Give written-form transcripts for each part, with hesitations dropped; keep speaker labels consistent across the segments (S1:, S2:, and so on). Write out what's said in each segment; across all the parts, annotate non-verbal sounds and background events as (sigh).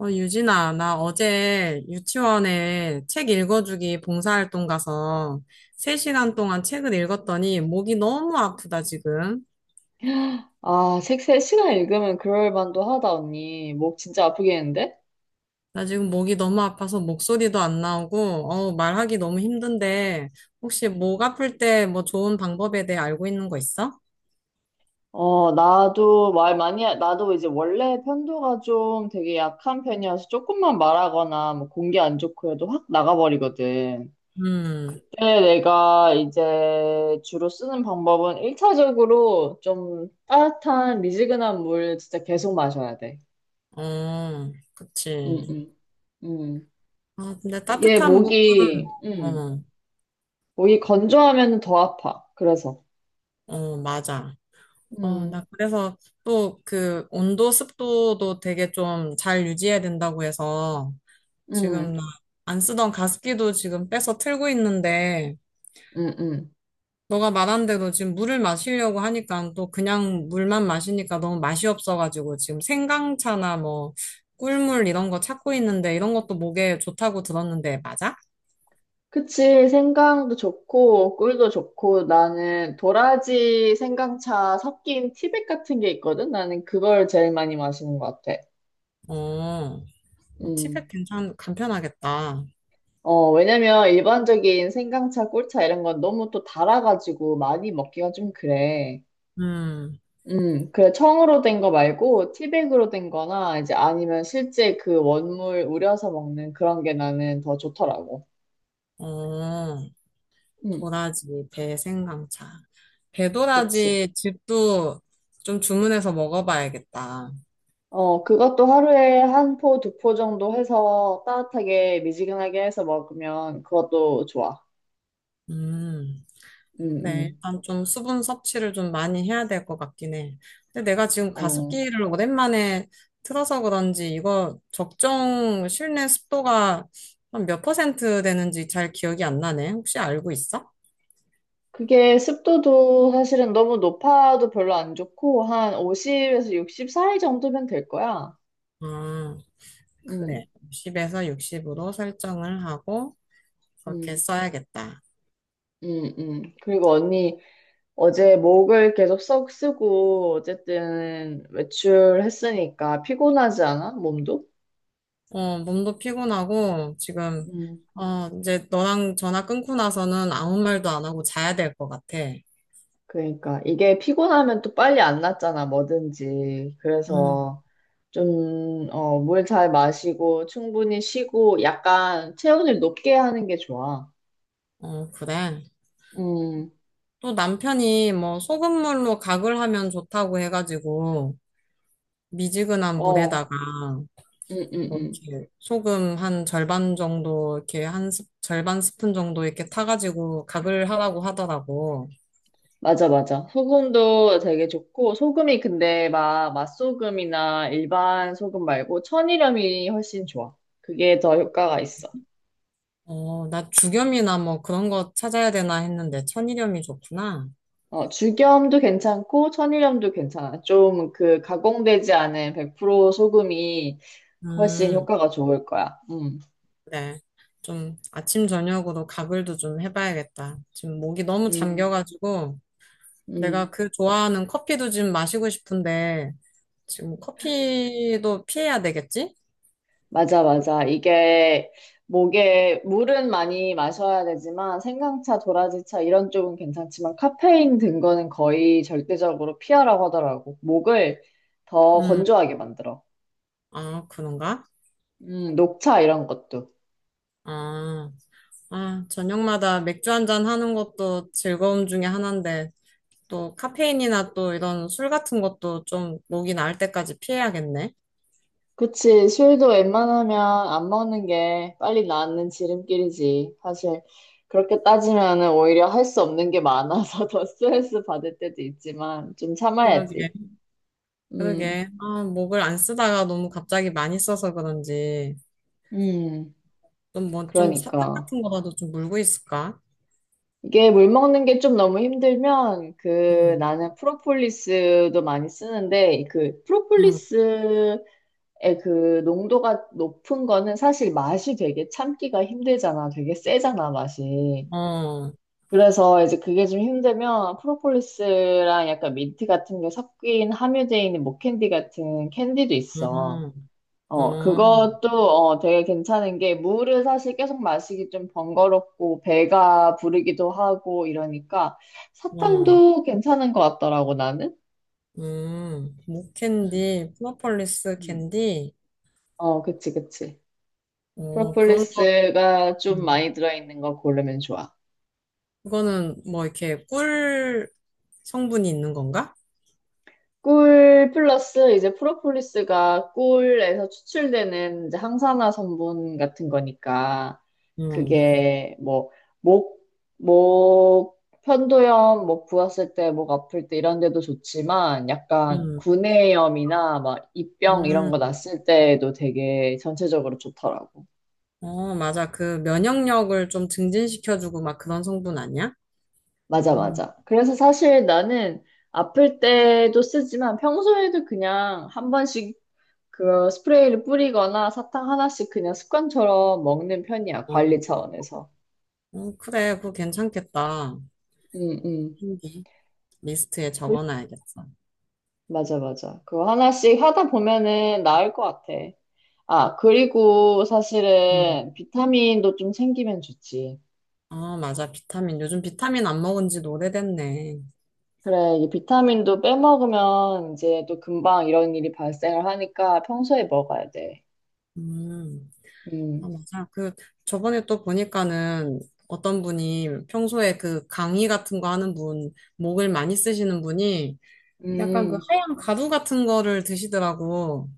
S1: 유진아, 나 어제 유치원에 책 읽어주기 봉사활동 가서 3시간 동안 책을 읽었더니 목이 너무 아프다, 지금.
S2: 아, 책 3시간 읽으면 그럴 만도 하다, 언니. 목 진짜 아프겠는데?
S1: 나 지금 목이 너무 아파서 목소리도 안 나오고, 말하기 너무 힘든데, 혹시 목 아플 때 뭐 좋은 방법에 대해 알고 있는 거 있어?
S2: 어, 나도 말 많이, 나도 이제 원래 편도가 좀 되게 약한 편이어서 조금만 말하거나 뭐 공기 안 좋고 해도 확 나가버리거든.
S1: 음.
S2: 그때 내가 이제 주로 쓰는 방법은 1차적으로 좀 따뜻한 미지근한 물 진짜 계속 마셔야 돼.
S1: 어, 그치.
S2: 응응. 응 응.
S1: 아, 근데
S2: 이게
S1: 따뜻한 목은,
S2: 목이, 응
S1: 어,
S2: 목이 건조하면 더 아파. 그래서.
S1: 어, 맞아. 어,
S2: 응.
S1: 나 그래서 또 그 온도 습도도 되게 좀 잘 유지해야 된다고 해서
S2: 응,
S1: 지금 나 안 쓰던 가습기도 지금 빼서 틀고 있는데
S2: 응, 응.
S1: 너가 말한 대로 지금 물을 마시려고 하니까 또 그냥 물만 마시니까 너무 맛이 없어가지고 지금 생강차나 뭐 꿀물 이런 거 찾고 있는데 이런 것도 목에 좋다고 들었는데 맞아?
S2: 그치. 생강도 좋고, 꿀도 좋고, 나는 도라지 생강차 섞인 티백 같은 게 있거든? 나는 그걸 제일 많이 마시는 것 같아.
S1: 어, 뭐 티백
S2: 음.
S1: 괜찮, 간편하겠다.
S2: 어, 왜냐면 일반적인 생강차, 꿀차 이런 건 너무 또 달아가지고 많이 먹기가 좀 그래.
S1: 음.
S2: 그래. 청으로 된 거 말고 티백으로 된 거나 이제 아니면 실제 그 원물 우려서 먹는 그런 게 나는 더 좋더라고.
S1: 어.
S2: 음,
S1: 도라지, 배생강차.
S2: 그치.
S1: 배도라지 즙도 좀 주문해서 먹어봐야겠다.
S2: 어, 그것도 하루에 한 포, 두 포 정도 해서 따뜻하게 미지근하게 해서 먹으면 그것도 좋아.
S1: 음,
S2: 음,
S1: 그래.
S2: 음.
S1: 일단 좀 수분 섭취를 좀 많이 해야 될 것 같긴 해. 근데 내가 지금
S2: 어.
S1: 가습기를 오랜만에 틀어서 그런지 이거 적정 실내 습도가 한 몇 퍼센트 되는지 잘 기억이 안 나네. 혹시 알고 있어?
S2: 그게 습도도 사실은 너무 높아도 별로 안 좋고 한 50에서 60 사이 정도면 될 거야.
S1: 아,
S2: 음,
S1: 그래. 60에서 60으로 설정을 하고 그렇게
S2: 음,
S1: 써야겠다.
S2: 그리고 언니 어제 목을 계속 썩 쓰고 어쨌든 외출했으니까 피곤하지 않아? 몸도?
S1: 어, 몸도 피곤하고, 지금,
S2: 음.
S1: 이제 너랑 전화 끊고 나서는 아무 말도 안 하고 자야 될 것 같아.
S2: 그러니까 이게 피곤하면 또 빨리 안 낫잖아, 뭐든지.
S1: 음.
S2: 그래서 좀, 어, 물 잘 마시고 충분히 쉬고 약간 체온을 높게 하는 게 좋아.
S1: 어, 그래.
S2: 음,
S1: 또 남편이 뭐 소금물로 각을 하면 좋다고 해가지고, 미지근한
S2: 어,
S1: 물에다가,
S2: 음, 음,
S1: 뭐
S2: 음.
S1: 이렇게 소금 한 절반 정도, 이렇게 한 스, 절반 스푼 정도 이렇게 타가지고 각을 하라고 하더라고.
S2: 맞아, 맞아. 소금도 되게 좋고, 소금이 근데 막 맛소금이나 일반 소금 말고 천일염이 훨씬 좋아. 그게 더 효과가 있어.
S1: 어, 나 죽염이나 뭐 그런 거 찾아야 되나 했는데, 천일염이 좋구나.
S2: 어, 죽염도 괜찮고 천일염도 괜찮아. 좀 그 가공되지 않은 100% 소금이 훨씬
S1: 음.
S2: 효과가 좋을 거야.
S1: 네. 좀 아침 저녁으로 가글도 좀 해봐야겠다. 지금 목이 너무
S2: 음,
S1: 잠겨가지고 내가
S2: 음.
S1: 그 좋아하는 커피도 지금 마시고 싶은데 지금 커피도 피해야 되겠지?
S2: 맞아, 맞아. 이게 목에 물은 많이 마셔야 되지만 생강차, 도라지차 이런 쪽은 괜찮지만 카페인 든 거는 거의 절대적으로 피하라고 하더라고. 목을 더
S1: 음.
S2: 건조하게 만들어.
S1: 아, 그런가?
S2: 녹차 이런 것도.
S1: 아. 아, 저녁마다 맥주 한잔 하는 것도 즐거움 중에 하나인데 또 카페인이나 또 이런 술 같은 것도 좀 목이 나을 때까지 피해야겠네.
S2: 그치. 술도 웬만하면 안 먹는 게 빨리 낫는 지름길이지. 사실, 그렇게 따지면은 오히려 할 수 없는 게 많아서 (laughs) 더 스트레스 받을 때도 있지만, 좀
S1: 그러게,
S2: 참아야지. 음,
S1: 그러게. 아, 목을 안 쓰다가 너무 갑자기 많이 써서 그런지.
S2: 음,
S1: 좀 뭐 좀 사탕
S2: 그러니까.
S1: 같은 거라도 좀 물고 있을까?
S2: 이게 물 먹는 게 좀 너무 힘들면, 그,
S1: 응,
S2: 나는 프로폴리스도 많이 쓰는데, 그,
S1: 응,
S2: 프로폴리스의 그 농도가 높은 거는 사실 맛이 되게 참기가 힘들잖아. 되게 세잖아, 맛이.
S1: 어, 어,
S2: 그래서 이제 그게 좀 힘들면 프로폴리스랑 약간 민트 같은 게 섞인 함유되어 있는 목캔디 같은 캔디도 있어. 어,
S1: 어,
S2: 그것도 어, 되게 괜찮은 게 물을 사실 계속 마시기 좀 번거롭고 배가 부르기도 하고 이러니까
S1: 어.
S2: 사탕도 괜찮은 것 같더라고 나는. 응.
S1: 목캔디, 프로폴리스
S2: 응.
S1: 캔디,
S2: 어, 그치, 그치.
S1: 어, 그런 거,
S2: 프로폴리스가 좀
S1: 음,
S2: 많이 들어있는 거 고르면 좋아.
S1: 그거는 뭐 이렇게 꿀 성분이 있는 건가?
S2: 꿀 플러스 이제 프로폴리스가 꿀에서 추출되는 이제 항산화 성분 같은 거니까
S1: 응,
S2: 그게 뭐 목, 목 편도염, 목 부었을 때, 목 아플 때 이런 데도 좋지만 약간
S1: 응.
S2: 구내염이나 막 입병 이런 거
S1: 음,
S2: 났을 때도 되게 전체적으로 좋더라고.
S1: 어, 맞아. 그 면역력을 좀 증진시켜주고 막 그런 성분 아니야?
S2: 맞아,
S1: 음,
S2: 맞아. 그래서 사실 나는 아플 때도 쓰지만 평소에도 그냥 한 번씩 그 스프레이를 뿌리거나 사탕 하나씩 그냥 습관처럼 먹는 편이야.
S1: 어,
S2: 관리
S1: 어,
S2: 차원에서.
S1: 어, 그래, 그거 괜찮겠다.
S2: 응, 응.
S1: 캔디 리스트에
S2: 그-
S1: 적어놔야겠어.
S2: 맞아, 맞아. 그거 하나씩 하다 보면은 나을 것 같아. 아, 그리고
S1: 응.
S2: 사실은 비타민도 좀 챙기면 좋지.
S1: 아, 맞아. 비타민. 요즘 비타민 안 먹은 지도 오래됐네.
S2: 그래, 이 비타민도 빼먹으면 이제 또 금방 이런 일이 발생을 하니까 평소에 먹어야 돼.
S1: 음. 아,
S2: 음,
S1: 맞아. 그, 저번에 또 보니까는 어떤 분이 평소에 그 강의 같은 거 하는 분, 목을 많이 쓰시는 분이 약간 그
S2: 음,
S1: 하얀 가루 같은 거를 드시더라고.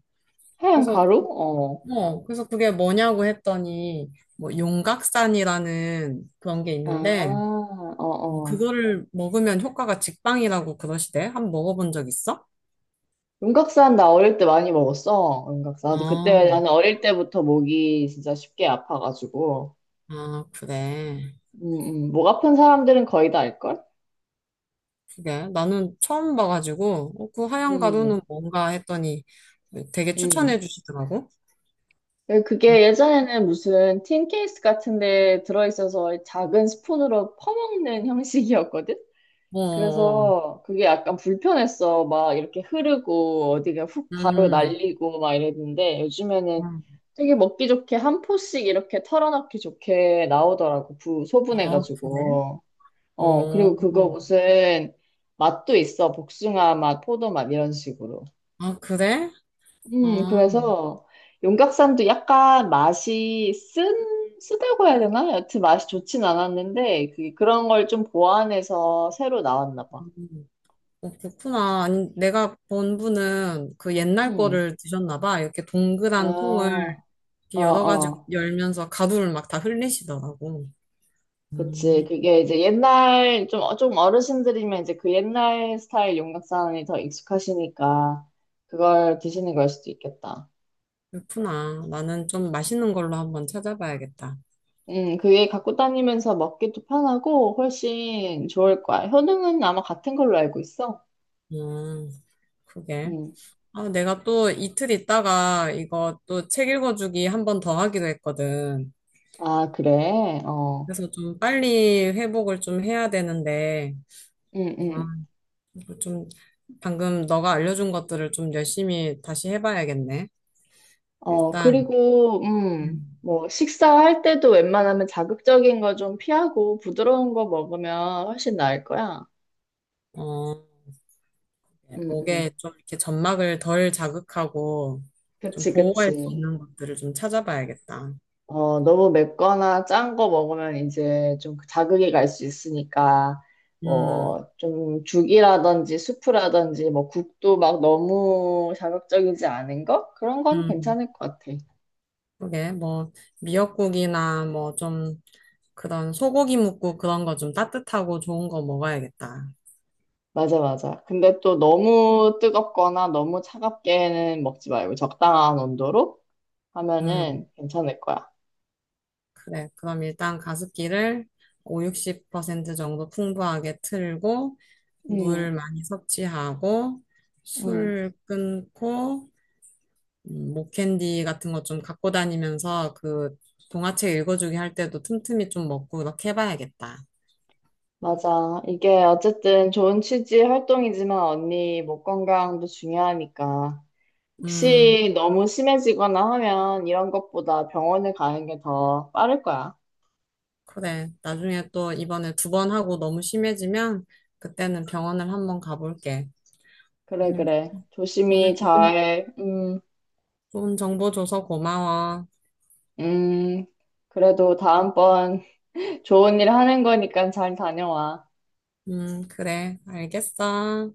S2: 하얀
S1: 그래서,
S2: 가루? 어.
S1: 그래서 그게 뭐냐고 했더니, 뭐, 용각산이라는 그런 게
S2: 아,
S1: 있는데,
S2: 어,
S1: 어,
S2: 어.
S1: 그거를 먹으면 효과가 직방이라고 그러시대. 한번 먹어본 적 있어?
S2: 용각산 나 어릴 때 많이 먹었어. 용각산. 나도
S1: 어,
S2: 그때 나는 어릴 때부터 목이 진짜 쉽게 아파가지고.
S1: 아, 그래.
S2: 목 아픈 사람들은 거의 다 알걸?
S1: 그게 나는 처음 봐가지고 어, 그 하얀
S2: 음,
S1: 가루는 뭔가 했더니 되게
S2: 음.
S1: 추천해 주시더라고. 음,
S2: 그게 예전에는 무슨 틴 케이스 같은 데 들어있어서 작은 스푼으로 퍼먹는 형식이었거든?
S1: 어, 어,
S2: 그래서 그게 약간 불편했어. 막 이렇게 흐르고 어디가 훅 가루
S1: 음,
S2: 날리고 막 이랬는데 요즘에는
S1: 음.
S2: 되게 먹기 좋게 한 포씩 이렇게 털어넣기 좋게 나오더라고.
S1: 아 그래?
S2: 소분해가지고. 어,
S1: 어,
S2: 그리고 그거 무슨 맛도 있어. 복숭아 맛, 포도 맛 이런 식으로.
S1: 아 그래? 아,
S2: 그래서 용각산도 약간 맛이 쓴, 쓰다고 해야 되나? 여튼 맛이 좋진 않았는데 그, 그런 걸 좀 보완해서 새로 나왔나 봐.
S1: 음. 어, 그렇구나. 아니, 내가 본 분은 그 옛날
S2: 음.
S1: 거를 드셨나 봐. 이렇게
S2: 아,
S1: 동그란 통을 이렇게
S2: 어,
S1: 열어가지고
S2: 어.
S1: 열면서 가루를 막 다 흘리시더라고.
S2: 그치.
S1: 음.
S2: 그게 이제 옛날, 좀, 좀 어르신들이면 이제 그 옛날 스타일 용각산이 더 익숙하시니까 그걸 드시는 걸 수도 있겠다.
S1: 그렇구나. 나는 좀 맛있는 걸로 한번 찾아봐야겠다.
S2: 그게 갖고 다니면서 먹기도 편하고 훨씬 좋을 거야. 효능은 아마 같은 걸로 알고 있어.
S1: 음, 그게.
S2: 음.
S1: 아, 내가 또 이틀 있다가 이거 또 책 읽어주기 한 번 더 하기로 했거든.
S2: 아, 그래. 어.
S1: 그래서 좀 빨리 회복을 좀 해야 되는데,
S2: 음,
S1: 아,
S2: 음.
S1: 이거 좀 방금 너가 알려준 것들을 좀 열심히 다시 해봐야겠네.
S2: 어,
S1: 일단,
S2: 그리고,
S1: 음,
S2: 뭐, 식사할 때도 웬만하면 자극적인 거 좀 피하고 부드러운 거 먹으면 훨씬 나을 거야.
S1: 어,
S2: 음,
S1: 목에
S2: 음.
S1: 좀 이렇게 점막을 덜 자극하고 좀
S2: 그치,
S1: 보호할 수
S2: 그치.
S1: 있는 것들을 좀 찾아봐야겠다.
S2: 어, 너무 맵거나 짠 거 먹으면 이제 좀 그 자극이 갈 수 있으니까,
S1: 음,
S2: 뭐, 좀 죽이라든지 수프라든지, 뭐, 국도 막 너무 자극적이지 않은 거? 그런 건
S1: 음,
S2: 괜찮을 것 같아.
S1: 그게 뭐 미역국이나 뭐좀 그런 소고기 묵국 그런 거 좀 따뜻하고 좋은 거 먹어야겠다.
S2: 맞아, 맞아. 근데 또 너무 뜨겁거나 너무 차갑게는 먹지 말고 적당한 온도로
S1: 음,
S2: 하면은 괜찮을 거야.
S1: 그래. 그럼 일단 가습기를 5, 60% 정도 풍부하게 틀고,
S2: 응
S1: 물 많이 섭취하고,
S2: 응.
S1: 술 끊고, 목캔디 같은 거 좀 갖고 다니면서 그 동화책 읽어주기 할 때도 틈틈이 좀 먹고 이렇게 해봐야겠다.
S2: 맞아. 이게 어쨌든 좋은 취지 활동이지만 언니 목 건강도 중요하니까.
S1: 음,
S2: 혹시 너무 심해지거나 하면 이런 것보다 병원에 가는 게 더 빠를 거야.
S1: 그래. 나중에 또 이번에 두 번 하고 너무 심해지면 그때는 병원을 한번 가볼게.
S2: 그래,
S1: 오늘
S2: 그래.
S1: 오늘
S2: 조심히
S1: 좋은
S2: 잘,
S1: 좋은 정보 줘서 고마워.
S2: 음, 그래도 다음번 (laughs) 좋은 일 하는 거니까 잘 다녀와.
S1: 그래. 알겠어.